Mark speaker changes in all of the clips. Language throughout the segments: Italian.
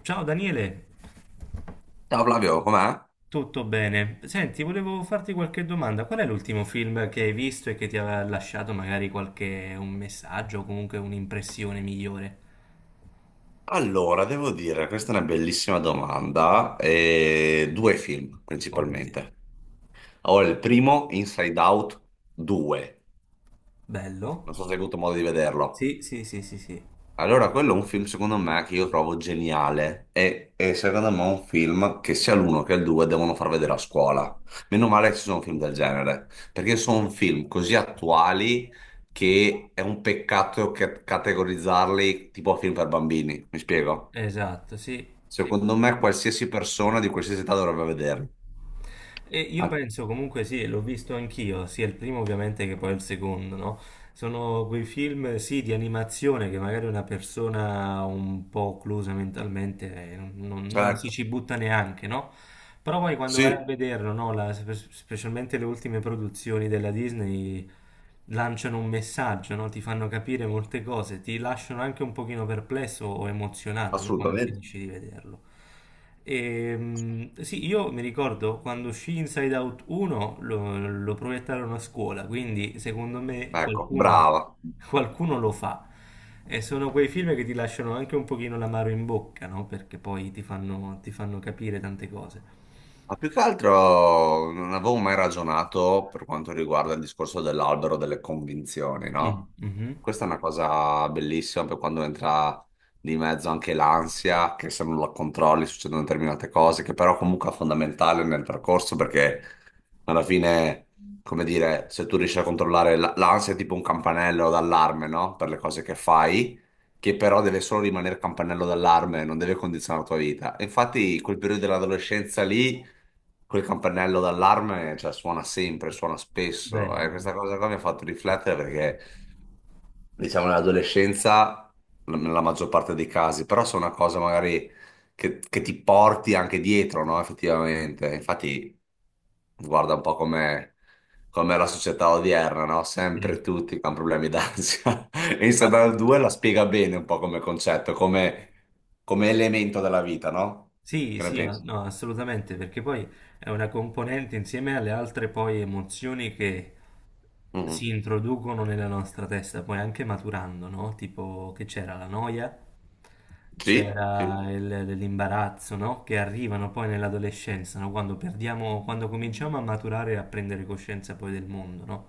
Speaker 1: Ciao Daniele,
Speaker 2: Ciao Flavio, com'è?
Speaker 1: tutto bene? Senti, volevo farti qualche domanda. Qual è l'ultimo film che hai visto e che ti aveva lasciato magari qualche un messaggio o comunque un'impressione migliore?
Speaker 2: Allora, devo dire, questa è una bellissima domanda. E due film
Speaker 1: Ok,
Speaker 2: principalmente. Allora, il primo, Inside Out 2.
Speaker 1: bello.
Speaker 2: Non so se hai avuto modo di vederlo.
Speaker 1: Sì, sì, sì, sì, sì.
Speaker 2: Allora, quello è un film secondo me che io trovo geniale e secondo me è un film che sia l'uno che il due devono far vedere a scuola. Meno male che ci sono film del genere, perché sono film così attuali che è un peccato categorizzarli tipo film per bambini, mi spiego?
Speaker 1: Esatto, sì.
Speaker 2: Secondo me qualsiasi persona di qualsiasi età dovrebbe vederli.
Speaker 1: E io
Speaker 2: Anche-
Speaker 1: penso comunque sì, l'ho visto anch'io, sia il primo ovviamente che poi il secondo, no? Sono quei film, sì, di animazione che magari una persona un po' occlusa mentalmente non si
Speaker 2: Certo,
Speaker 1: ci butta neanche, no? Però poi quando vai a
Speaker 2: sì,
Speaker 1: vederlo, no? Specialmente le ultime produzioni della Disney, lanciano un messaggio, no? Ti fanno capire molte cose, ti lasciano anche un pochino perplesso o emozionato, no? Quando
Speaker 2: assolutamente.
Speaker 1: finisci di vederlo. E, sì, io mi ricordo quando uscì Inside Out 1 lo proiettarono a scuola, quindi secondo me
Speaker 2: Ecco, brava.
Speaker 1: qualcuno lo fa. E sono quei film che ti lasciano anche un pochino l'amaro in bocca, no? Perché poi ti fanno capire tante cose.
Speaker 2: Ma più che altro non avevo mai ragionato per quanto riguarda il discorso dell'albero delle convinzioni,
Speaker 1: Mm,
Speaker 2: no?
Speaker 1: mhm.
Speaker 2: Questa è una cosa bellissima per quando entra di mezzo anche l'ansia, che se non la controlli succedono determinate cose, che però comunque è fondamentale nel percorso perché alla fine, come dire, se tu riesci a controllare l'ansia è tipo un campanello d'allarme, no? Per le cose che fai che però deve solo rimanere campanello d'allarme, non deve condizionare la tua vita. E infatti, quel periodo dell'adolescenza lì. Quel campanello d'allarme, cioè, suona sempre, suona spesso. E
Speaker 1: Vero.
Speaker 2: questa cosa qua mi ha fatto riflettere perché, diciamo, nell'adolescenza, nella maggior parte dei casi, però sono una cosa magari che ti porti anche dietro, no? Effettivamente. Infatti, guarda un po' come la società odierna, no?
Speaker 1: Eh,
Speaker 2: Sempre tutti con problemi d'ansia. E
Speaker 1: Ma
Speaker 2: Instagram 2 la spiega bene un po' come concetto, come, come elemento della vita, no?
Speaker 1: Sì,
Speaker 2: Che ne
Speaker 1: sì,
Speaker 2: pensi?
Speaker 1: no, assolutamente, perché poi è una componente insieme alle altre poi emozioni che
Speaker 2: Mhm.
Speaker 1: si introducono nella nostra testa, poi anche maturando, no? Tipo che c'era la noia,
Speaker 2: Sì, sì.
Speaker 1: c'era l'imbarazzo, no? Che arrivano poi nell'adolescenza, no? Quando perdiamo, quando cominciamo a maturare e a prendere coscienza poi del mondo, no?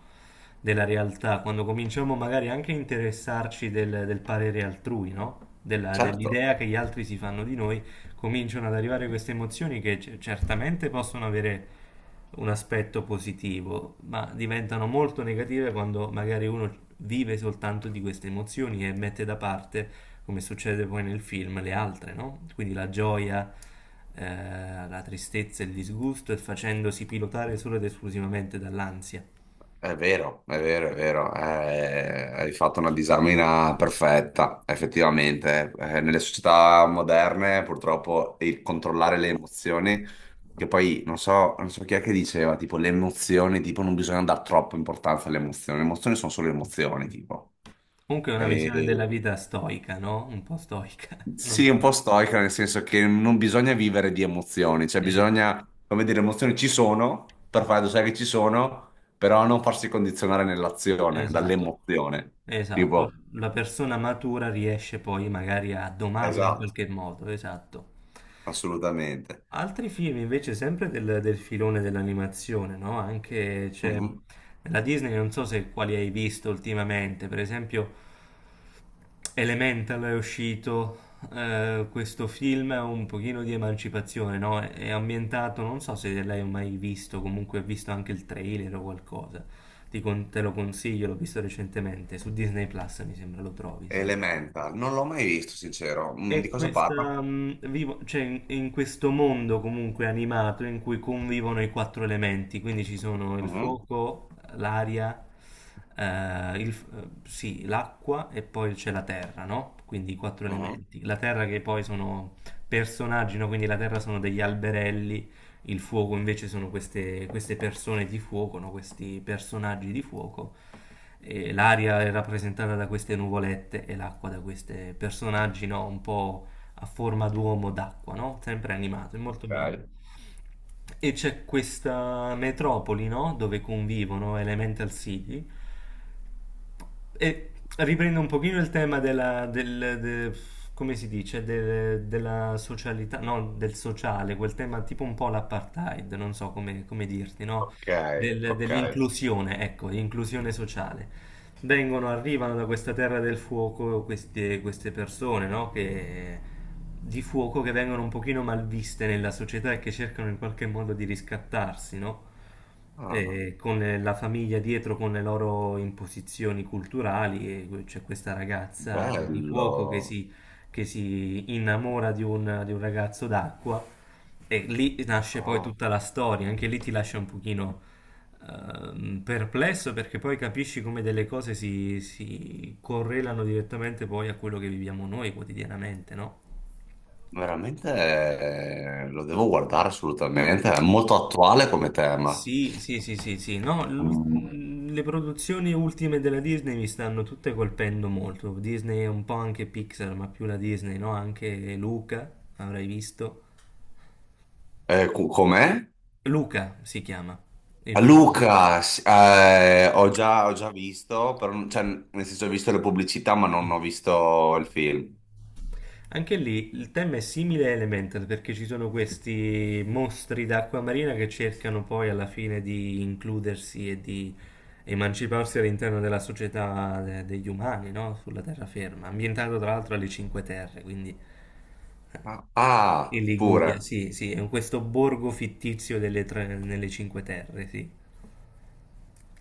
Speaker 1: Della realtà, quando cominciamo magari anche a interessarci del parere altrui, no?
Speaker 2: Certo,
Speaker 1: Dell'idea che gli altri si fanno di noi cominciano ad arrivare queste emozioni che certamente possono avere un aspetto positivo, ma diventano molto negative quando magari uno vive soltanto di queste emozioni e mette da parte, come succede poi nel film, le altre, no? Quindi la gioia, la tristezza, e il disgusto e facendosi pilotare solo ed esclusivamente dall'ansia.
Speaker 2: è vero, è vero, è vero, hai fatto una disamina perfetta, effettivamente. Nelle società moderne, purtroppo, il controllare le emozioni, che poi non so chi è che diceva, tipo, le emozioni, tipo, non bisogna dare troppa importanza alle emozioni, le emozioni sono solo emozioni, tipo.
Speaker 1: Comunque è una visione della
Speaker 2: E-
Speaker 1: vita stoica, no? Un po' stoica, non
Speaker 2: Sì, un
Speaker 1: so.
Speaker 2: po' stoica, nel senso che non bisogna vivere di emozioni, cioè
Speaker 1: Eh,
Speaker 2: bisogna, come dire, le emozioni ci sono, per fare sai che ci sono, però non farsi condizionare nell'azione,
Speaker 1: Esatto,
Speaker 2: dall'emozione.
Speaker 1: esatto.
Speaker 2: Tipo,
Speaker 1: La persona matura riesce poi magari a domarla in
Speaker 2: esatto,
Speaker 1: qualche modo, esatto.
Speaker 2: assolutamente.
Speaker 1: Altri film invece sempre del filone dell'animazione, no? Anche c'è
Speaker 2: Mhm.
Speaker 1: nella Disney, non so se quali hai visto ultimamente, per esempio Elemental è uscito, questo film è un pochino di emancipazione, no? È ambientato, non so se l'hai mai visto, comunque ho visto anche il trailer o qualcosa. Te lo consiglio, l'ho visto recentemente, su Disney Plus mi sembra lo trovi, se...
Speaker 2: Elemental, non l'ho mai visto, sincero. Mm, di
Speaker 1: E
Speaker 2: cosa parla?
Speaker 1: questa, mm, cioè, in questo mondo comunque animato in cui convivono i quattro elementi, quindi ci sono il
Speaker 2: Mhm,
Speaker 1: fuoco, l'aria, sì, l'acqua e poi c'è la terra, no? Quindi i quattro
Speaker 2: mhm.
Speaker 1: elementi. La terra che poi sono personaggi, no? Quindi la terra sono degli alberelli, il fuoco invece sono queste persone di fuoco, no? Questi personaggi di fuoco. E l'aria è rappresentata da queste nuvolette e l'acqua da questi personaggi, no? Un po' a forma d'uomo d'acqua, no? Sempre animato, è molto
Speaker 2: Ok,
Speaker 1: bello. E c'è questa metropoli, no? Dove convivono Elemental City e riprendo un pochino il tema come si dice, della socialità, no, del sociale, quel tema tipo un po' l'apartheid, non so come, come dirti, no?
Speaker 2: ok, ok.
Speaker 1: Dell'inclusione, ecco, inclusione sociale. Vengono, arrivano da questa terra del fuoco queste persone, no? Che di fuoco che vengono un pochino malviste nella società e che cercano in qualche modo di riscattarsi, no?
Speaker 2: Ah,
Speaker 1: Con la famiglia dietro, con le loro imposizioni culturali, e c'è questa ragazza di fuoco
Speaker 2: bello.
Speaker 1: che si innamora di un ragazzo d'acqua, e lì nasce poi tutta la storia, anche lì ti lascia un pochino perplesso perché poi capisci come delle cose si correlano direttamente poi a quello che viviamo noi quotidianamente, no?
Speaker 2: Veramente lo devo guardare assolutamente, è molto attuale come tema.
Speaker 1: Sì, sì, sì, sì, sì, no,
Speaker 2: Mm.
Speaker 1: le produzioni ultime della Disney mi stanno tutte colpendo molto. Disney è un po' anche Pixar, ma più la Disney, no? Anche Luca, avrai visto.
Speaker 2: Com'è?
Speaker 1: Luca si chiama il
Speaker 2: A
Speaker 1: film.
Speaker 2: Luca, ho già visto, però cioè, nel senso ho visto le pubblicità ma non ho visto il film.
Speaker 1: Anche lì il tema è simile a Elemental perché ci sono questi mostri d'acqua marina che cercano poi alla fine di includersi e di emanciparsi all'interno della società degli umani, no? Sulla terraferma, ambientato tra l'altro alle Cinque Terre, quindi
Speaker 2: Ah,
Speaker 1: in
Speaker 2: ah, pure.
Speaker 1: Liguria, sì, sì, è questo borgo fittizio nelle Cinque Terre, sì.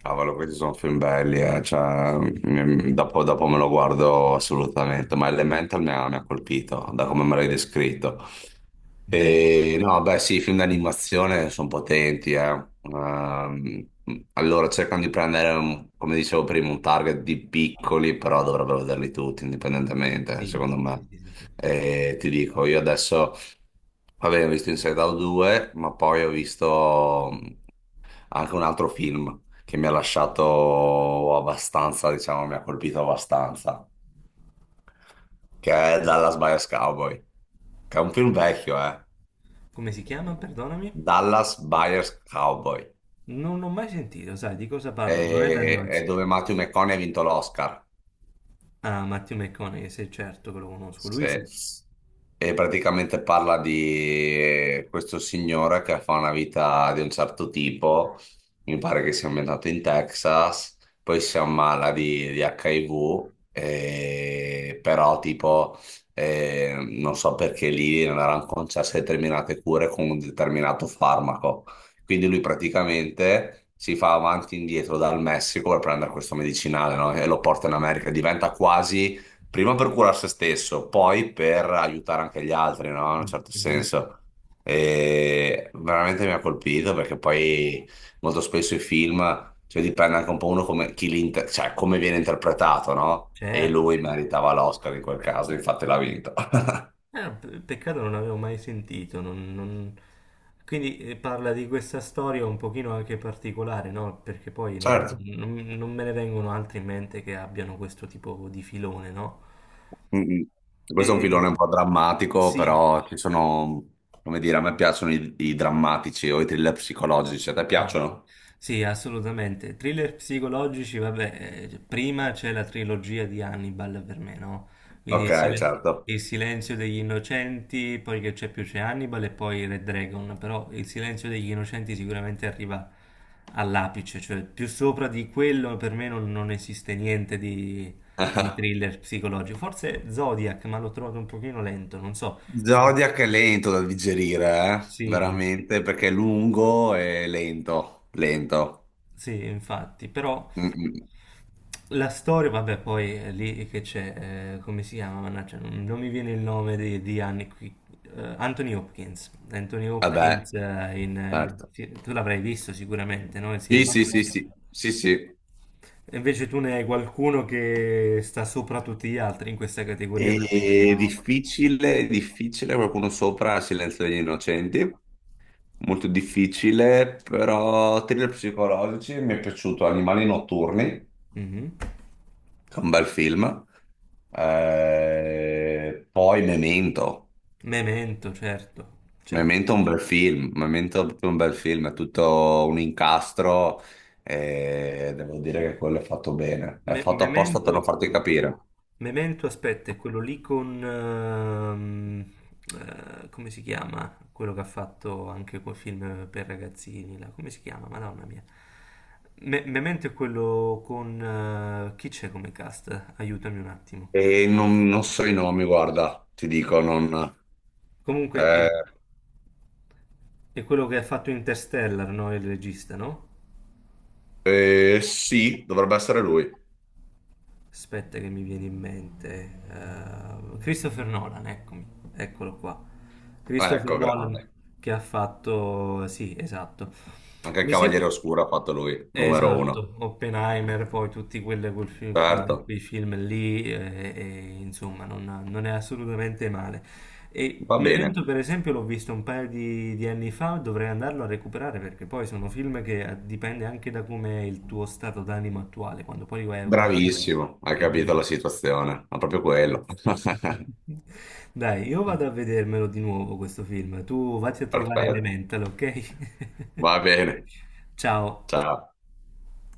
Speaker 2: Cavolo, questi sono film belli, cioè, dopo me lo guardo assolutamente, ma Elemental mi ha colpito da come me l'hai descritto.
Speaker 1: Eh,
Speaker 2: E, no, beh sì, i film d'animazione sono potenti, eh. Ehm, allora cercano di prendere, come dicevo prima, un target di piccoli, però dovrebbero vederli tutti indipendentemente,
Speaker 1: sì, sì,
Speaker 2: secondo
Speaker 1: sì,
Speaker 2: me.
Speaker 1: sì, sì, sì.
Speaker 2: E ti dico, io adesso, vabbè, ho visto Inside Out 2, ma poi ho visto anche un altro film che mi ha lasciato abbastanza, diciamo, mi ha colpito abbastanza, che è Dallas Buyers Cowboy, che è un film vecchio, eh.
Speaker 1: Come si chiama? Perdonami?
Speaker 2: Dallas Buyers Cowboy,
Speaker 1: Non l'ho mai sentito, sai, di cosa parla? Non è
Speaker 2: e,
Speaker 1: Daniel...
Speaker 2: e dove Matthew McConaughey ha vinto l'Oscar.
Speaker 1: Ah, Matthew McConaughey, sei certo che lo conosco, lui
Speaker 2: se-
Speaker 1: sì.
Speaker 2: E praticamente parla di questo signore che fa una vita di un certo tipo, mi pare che sia ambientato in Texas, poi si ammala di, HIV, però tipo non so perché lì non erano concesse determinate cure con un determinato farmaco. Quindi lui praticamente si fa avanti e indietro dal Messico per prendere questo medicinale, no? E lo porta in America, diventa quasi prima per curare se stesso, poi per aiutare anche gli altri, no? In un certo
Speaker 1: Mhm.
Speaker 2: senso. E veramente mi ha colpito perché poi molto spesso i film, cioè dipende anche un po' uno come, chi li cioè, come viene interpretato, no? E
Speaker 1: Certo,
Speaker 2: lui
Speaker 1: certo.
Speaker 2: meritava l'Oscar in quel caso, infatti l'ha vinto.
Speaker 1: Ah, peccato, non avevo mai sentito. Quindi parla di questa storia un pochino anche particolare, no? Perché poi
Speaker 2: Certo.
Speaker 1: non me ne vengono altri in mente che abbiano questo tipo di filone, no?
Speaker 2: Mm-mm. Questo è un
Speaker 1: E...
Speaker 2: filone un po' drammatico,
Speaker 1: Sì,
Speaker 2: però ci sono, come dire, a me piacciono i, i drammatici o i thriller psicologici, a te
Speaker 1: ah,
Speaker 2: piacciono?
Speaker 1: sì, assolutamente. Thriller psicologici, vabbè, cioè, prima c'è la trilogia di Hannibal per me, no? Quindi
Speaker 2: Ok, certo.
Speaker 1: il silenzio degli innocenti, poi che c'è più c'è Hannibal e poi Red Dragon, però il silenzio degli innocenti sicuramente arriva all'apice, cioè più sopra di quello per me non esiste niente di, di thriller psicologico. Forse Zodiac, ma l'ho trovato un pochino lento, non so. Tu...
Speaker 2: Zodiac è lento da digerire, eh?
Speaker 1: Sì, sì.
Speaker 2: Veramente, perché è lungo e lento, lento.
Speaker 1: Sì, infatti, però
Speaker 2: Mm, mm.
Speaker 1: la storia, vabbè, poi è lì che c'è, come si chiama? Mannaggia, non mi viene il nome di Annie qui. Anthony Hopkins,
Speaker 2: Vabbè, certo.
Speaker 1: tu l'avrai visto sicuramente, no? Il
Speaker 2: Sì,
Speaker 1: silenzio.
Speaker 2: sì, sì, sì, sì, sì.
Speaker 1: E invece tu ne hai qualcuno che sta sopra tutti gli altri in questa categoria, tra quelli che hai
Speaker 2: E
Speaker 1: visto.
Speaker 2: difficile, difficile, qualcuno sopra Silenzio degli Innocenti. Molto difficile, però thriller psicologici, mi è piaciuto Animali Notturni,
Speaker 1: Mhm.
Speaker 2: che è un bel film. Poi Memento.
Speaker 1: Memento, certo, certo.
Speaker 2: Memento è un bel film, Memento è proprio un bel film, è tutto un incastro e devo dire che quello è fatto bene, è fatto apposta per non
Speaker 1: Memento,
Speaker 2: farti capire.
Speaker 1: Memento, aspetta, è quello lì con... come si chiama? Quello che ha fatto anche quel film per ragazzini, là. Come si chiama? Madonna mia. Memento è quello con... chi c'è come cast? Aiutami un attimo.
Speaker 2: E non so i nomi, guarda, ti dico, non...
Speaker 1: Comunque,
Speaker 2: Eh,
Speaker 1: è quello che ha fatto Interstellar, no? Il regista, no?
Speaker 2: sì, dovrebbe essere lui.
Speaker 1: Aspetta che mi viene in mente. Eh, Christopher Nolan, eccomi, eccolo qua. Christopher
Speaker 2: Ecco,
Speaker 1: Nolan
Speaker 2: grande.
Speaker 1: che ha fatto... Sì, esatto.
Speaker 2: Anche il
Speaker 1: Mi sembra...
Speaker 2: Cavaliere Oscuro ha fatto lui, numero uno.
Speaker 1: Esatto, Oppenheimer, poi tutti quelle- quel film-
Speaker 2: Certo,
Speaker 1: quei film lì, insomma, non è assolutamente male. E
Speaker 2: va bene.
Speaker 1: Memento, per esempio, l'ho visto un paio di anni fa, dovrei andarlo a recuperare perché poi sono film che dipende anche da come è il tuo stato d'animo attuale, quando poi li vai a guardare
Speaker 2: Bravissimo, hai
Speaker 1: è
Speaker 2: capito la
Speaker 1: diverso.
Speaker 2: situazione, ma proprio quello.
Speaker 1: Dai, io vado a vedermelo di nuovo questo film, tu vatti a trovare
Speaker 2: Perfetto,
Speaker 1: Elemental, ok?
Speaker 2: va bene,
Speaker 1: Ciao.
Speaker 2: ciao.